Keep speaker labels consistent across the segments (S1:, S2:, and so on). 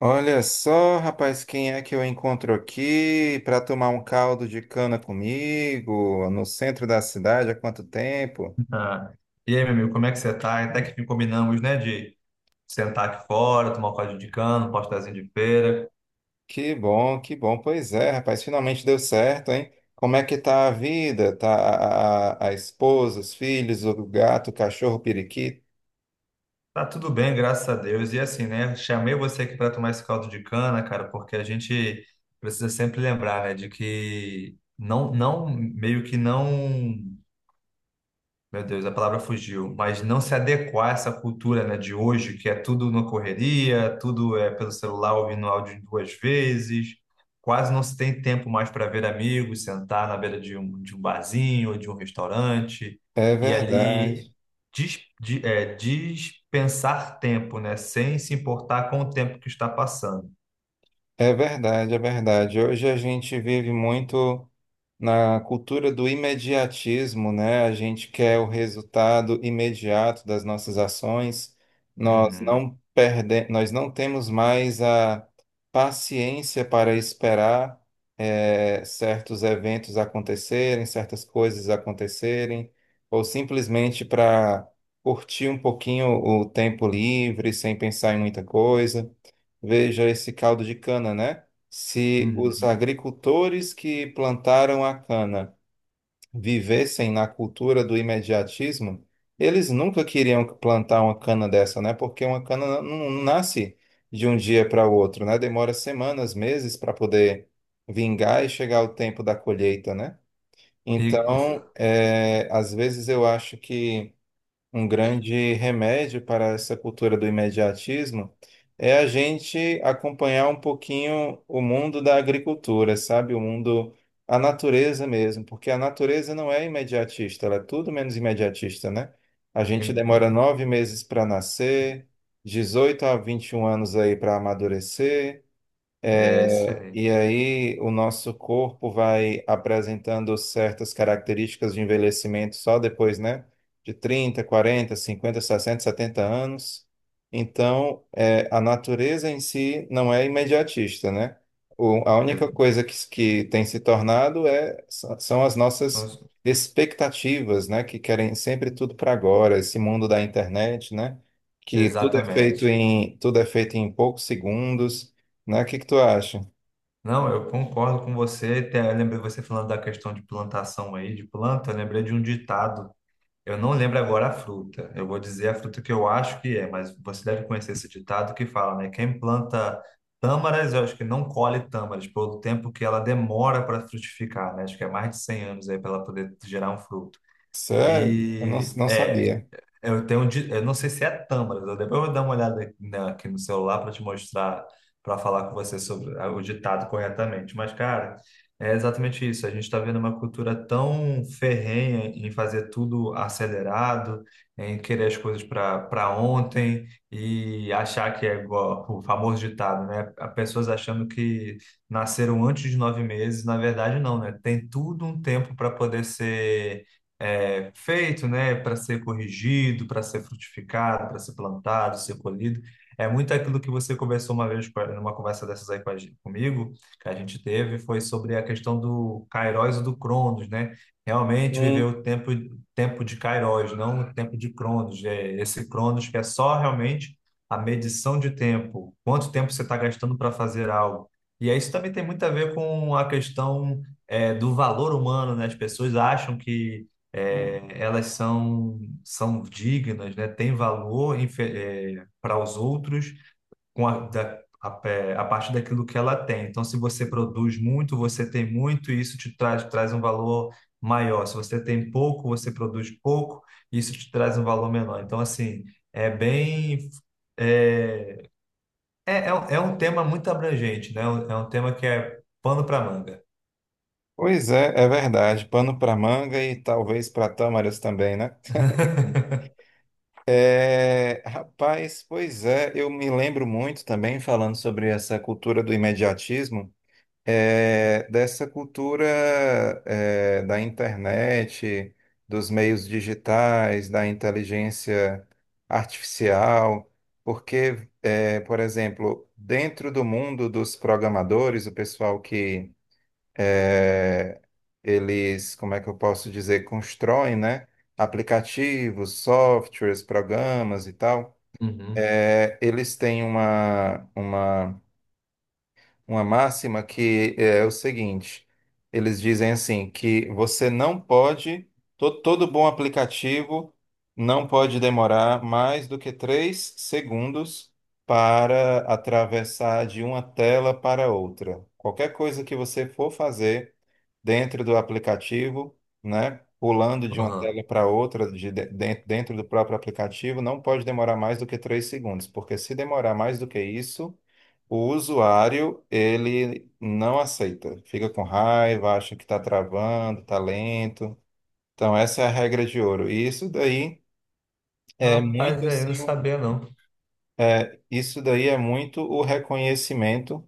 S1: Olha só, rapaz, quem é que eu encontro aqui para tomar um caldo de cana comigo no centro da cidade há quanto tempo?
S2: Ah, e aí, meu amigo, como é que você tá? Até que combinamos, né, de sentar aqui fora, tomar um caldinho de cana, um pastazinho de feira.
S1: Que bom, que bom. Pois é, rapaz, finalmente deu certo, hein? Como é que tá a vida? Tá a esposa, os filhos, o gato, o cachorro, o periquito?
S2: Tá tudo bem, graças a Deus. E assim, né, chamei você aqui para tomar esse caldo de cana, cara, porque a gente precisa sempre lembrar, né, de que não, não, meio que não. Meu Deus, a palavra fugiu, mas não se adequar a essa cultura, né, de hoje, que é tudo na correria, tudo é pelo celular ouvindo áudio duas vezes, quase não se tem tempo mais para ver amigos, sentar na beira de um barzinho ou de um restaurante
S1: É
S2: e ali
S1: verdade,
S2: dispensar tempo, né, sem se importar com o tempo que está passando.
S1: é verdade, é verdade. Hoje a gente vive muito. Na cultura do imediatismo, né, a gente quer o resultado imediato das nossas ações.
S2: Uhum,
S1: Nós não temos mais a paciência para esperar certos eventos acontecerem, certas coisas acontecerem, ou simplesmente para curtir um pouquinho o tempo livre, sem pensar em muita coisa. Veja esse caldo de cana, né? Se os
S2: uhum.
S1: agricultores que plantaram a cana vivessem na cultura do imediatismo, eles nunca queriam plantar uma cana dessa, né? Porque uma cana não nasce de um dia para o outro, né? Demora semanas, meses para poder vingar e chegar o tempo da colheita, né?
S2: E- exa-
S1: Então, às vezes eu acho que um grande remédio para essa cultura do imediatismo é a gente acompanhar um pouquinho o mundo da agricultura, sabe? O mundo, a natureza mesmo, porque a natureza não é imediatista, ela é tudo menos imediatista, né? A gente demora
S2: é,
S1: 9 meses para nascer, 18 a 21 anos aí para amadurecer.
S2: é isso aí.
S1: E aí o nosso corpo vai apresentando certas características de envelhecimento só depois, né? De 30, 40, 50, 60, 70 anos. Então, a natureza em si não é imediatista, né? A única
S2: Ex-
S1: coisa que tem se tornado são as nossas expectativas, né? Que querem sempre tudo para agora, esse mundo da internet, né? Que tudo é feito
S2: Exatamente.
S1: em poucos segundos, né? O que que tu acha?
S2: Não, eu concordo com você. Até eu lembrei você falando da questão de plantação aí, de planta. Eu lembrei de um ditado. Eu não lembro agora a fruta. Eu vou dizer a fruta que eu acho que é, mas você deve conhecer esse ditado que fala, né? Quem planta tâmaras, eu acho que não colhe tâmaras, pelo tempo que ela demora para frutificar, né? Acho que é mais de 100 anos aí para ela poder gerar um fruto.
S1: Sério? Eu não,
S2: E
S1: não
S2: é,
S1: sabia.
S2: eu tenho, eu não sei se é tâmaras, eu depois eu vou dar uma olhada aqui aqui no celular para te mostrar, para falar com você sobre o ditado corretamente. Mas, cara, é exatamente isso. A gente está vendo uma cultura tão ferrenha em fazer tudo acelerado, em querer as coisas para ontem e achar que é igual o famoso ditado, né? As pessoas achando que nasceram antes de 9 meses, na verdade, não, né? Tem tudo um tempo para poder ser feito, né, para ser corrigido, para ser frutificado, para ser plantado, ser colhido. É muito aquilo que você conversou uma vez, numa conversa dessas aí comigo, que a gente teve, foi sobre a questão do Kairos e do Cronos, né? Realmente viver
S1: Hum.
S2: o tempo, de Kairos, não o tempo de Cronos. É esse Cronos que é só realmente a medição de tempo, quanto tempo você está gastando para fazer algo. E aí isso também tem muito a ver com a questão, do valor humano, né? As pessoas acham que elas são, dignas, né? Têm valor para os outros com a, da, a, é, a partir daquilo que ela tem. Então, se você produz muito, você tem muito, e isso te traz um valor maior. Se você tem pouco, você produz pouco, e isso te traz um valor menor. Então, assim, é bem. É, é um tema muito abrangente, né? É um tema que é pano para manga.
S1: Pois é, é verdade. Pano para manga e talvez para tâmaras também, né? É, rapaz, pois é, eu me lembro muito também, falando sobre essa cultura do imediatismo, dessa cultura, da internet, dos meios digitais, da inteligência artificial, porque, por exemplo, dentro do mundo dos programadores, o pessoal que eles, como é que eu posso dizer, constroem, né, aplicativos, softwares, programas e tal.
S2: Uhum,
S1: É, eles têm uma máxima que é o seguinte: eles dizem assim que você não pode, to- todo bom aplicativo não pode demorar mais do que 3 segundos para atravessar de uma tela para outra. Qualquer coisa que você for fazer dentro do aplicativo, né? Pulando de uma
S2: aham.
S1: tela para outra, dentro do próprio aplicativo, não pode demorar mais do que três segundos, porque se demorar mais do que isso, o usuário, ele não aceita. Fica com raiva, acha que está travando, está lento. Então, essa é a regra de ouro. E isso daí é muito
S2: Rapaz, aí eu não
S1: assim,
S2: sabia, não.
S1: isso daí é muito o reconhecimento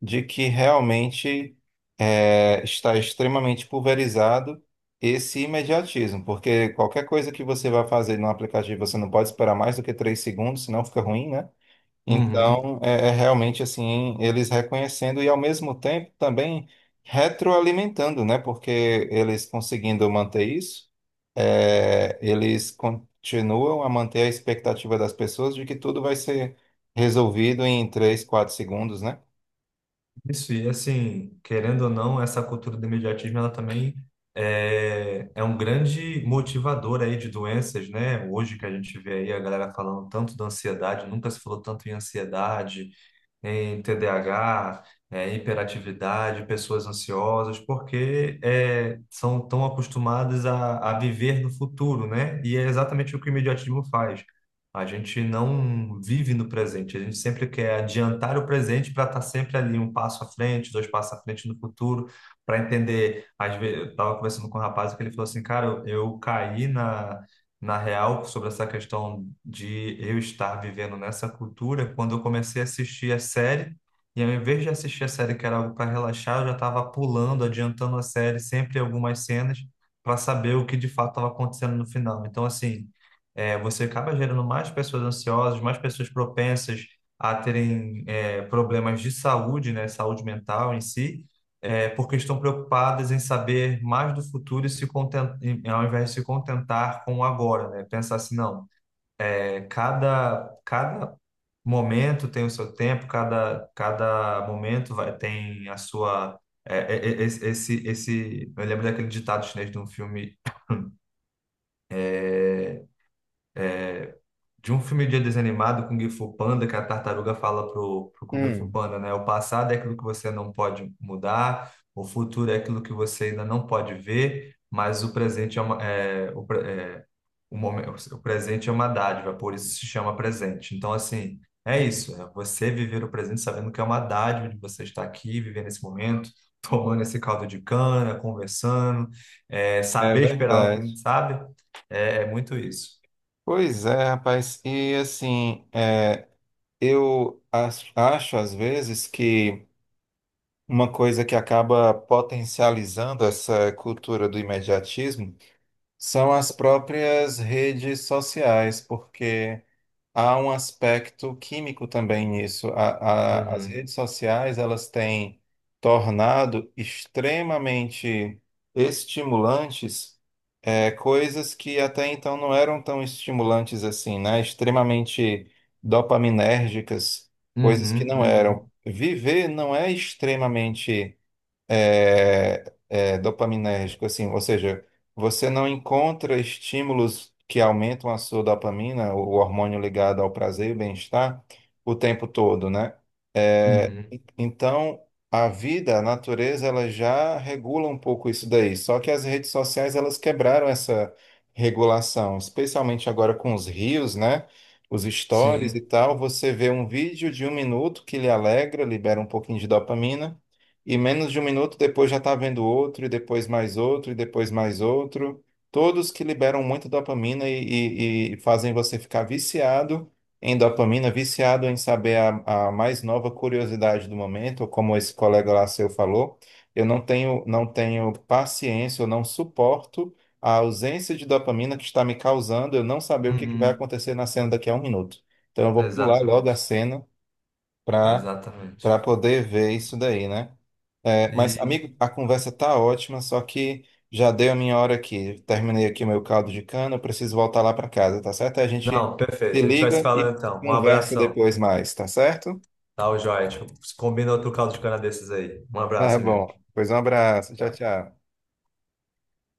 S1: de que realmente está extremamente pulverizado esse imediatismo, porque qualquer coisa que você vai fazer no aplicativo, você não pode esperar mais do que 3 segundos, senão fica ruim, né?
S2: Uhum.
S1: Então, realmente assim, eles reconhecendo e ao mesmo tempo também retroalimentando, né? Porque eles conseguindo manter isso, eles continuam a manter a expectativa das pessoas de que tudo vai ser resolvido em 3 4 segundos, né?
S2: Isso, e assim, querendo ou não, essa cultura do imediatismo, ela também é um grande motivador aí de doenças, né? Hoje que a gente vê aí a galera falando tanto da ansiedade, nunca se falou tanto em ansiedade, em TDAH, hiperatividade, pessoas ansiosas, porque são tão acostumadas a viver no futuro, né? E é exatamente o que o imediatismo faz. A gente não vive no presente, a gente sempre quer adiantar o presente para estar sempre ali um passo à frente, dois passos à frente no futuro, para entender. Às vezes, eu estava conversando com um rapaz que ele falou assim, cara, eu caí na real sobre essa questão de eu estar vivendo nessa cultura quando eu comecei a assistir a série. E ao invés de assistir a série, que era algo para relaxar, eu já estava pulando, adiantando a série, sempre algumas cenas, para saber o que de fato estava acontecendo no final. Então, assim, você acaba gerando mais pessoas ansiosas, mais pessoas propensas a terem problemas de saúde, né, saúde mental em si, porque estão preocupadas em saber mais do futuro e se contentar, ao invés de se contentar com o agora, né? Pensar assim, não, cada, cada, momento tem o seu tempo, cada momento vai, tem a sua... eu lembro daquele ditado chinês de um filme é, de um filme de desenho animado, Kung Fu Panda, que a tartaruga fala pro Kung Fu
S1: Hum.
S2: Panda, né? O passado é aquilo que você não pode mudar, o futuro é aquilo que você ainda não pode ver, mas o presente é uma, o momento, o presente é uma dádiva, por isso se chama presente. Então, assim, é isso, é você viver o presente sabendo que é uma dádiva de você estar aqui, vivendo esse momento, tomando esse caldo de cana, conversando,
S1: É
S2: saber esperar o
S1: verdade.
S2: que, sabe? É muito isso.
S1: Pois é, rapaz. E assim, eu acho às vezes que uma coisa que acaba potencializando essa cultura do imediatismo são as próprias redes sociais, porque há um aspecto químico também nisso. As
S2: Uhum.
S1: redes sociais, elas têm tornado extremamente estimulantes, coisas que até então não eram tão estimulantes assim, né? Extremamente dopaminérgicas, coisas que
S2: Uhum,
S1: não eram.
S2: uhum,
S1: Viver não é extremamente dopaminérgico, assim, ou seja, você não encontra estímulos que aumentam a sua dopamina, o hormônio ligado ao prazer e bem-estar, o tempo todo, né?
S2: uhum.
S1: Então, a vida, a natureza, ela já regula um pouco isso daí. Só que as redes sociais, elas quebraram essa regulação, especialmente agora com os rios, né? Os stories e
S2: Sim,
S1: tal. Você vê um vídeo de um minuto que lhe alegra, libera um pouquinho de dopamina, e menos de um minuto depois já está vendo outro, e depois mais outro, e depois mais outro. Todos que liberam muita dopamina e fazem você ficar viciado em dopamina, viciado em saber a mais nova curiosidade do momento, como esse colega lá seu falou, eu não tenho, não tenho paciência, eu não suporto a ausência de dopamina que está me causando eu não saber o que que vai
S2: uhum.
S1: acontecer na cena daqui a um minuto. Então eu vou pular logo a
S2: Exatamente,
S1: cena para para
S2: exatamente.
S1: poder ver isso daí, né? É, mas,
S2: E,
S1: amigo, a conversa tá ótima, só que já deu a minha hora aqui. Terminei aqui meu caldo de cana, eu preciso voltar lá para casa, tá certo? A gente
S2: não,
S1: se
S2: perfeito. A gente vai
S1: liga
S2: se falando
S1: e
S2: então. Um
S1: conversa
S2: abração.
S1: depois mais, tá certo?
S2: Tá, o joia. A gente combina outro caldo de cana desses aí. Um
S1: Tá
S2: abraço, amigo.
S1: bom. Pois um abraço. Tchau,
S2: Tchau.
S1: tchau.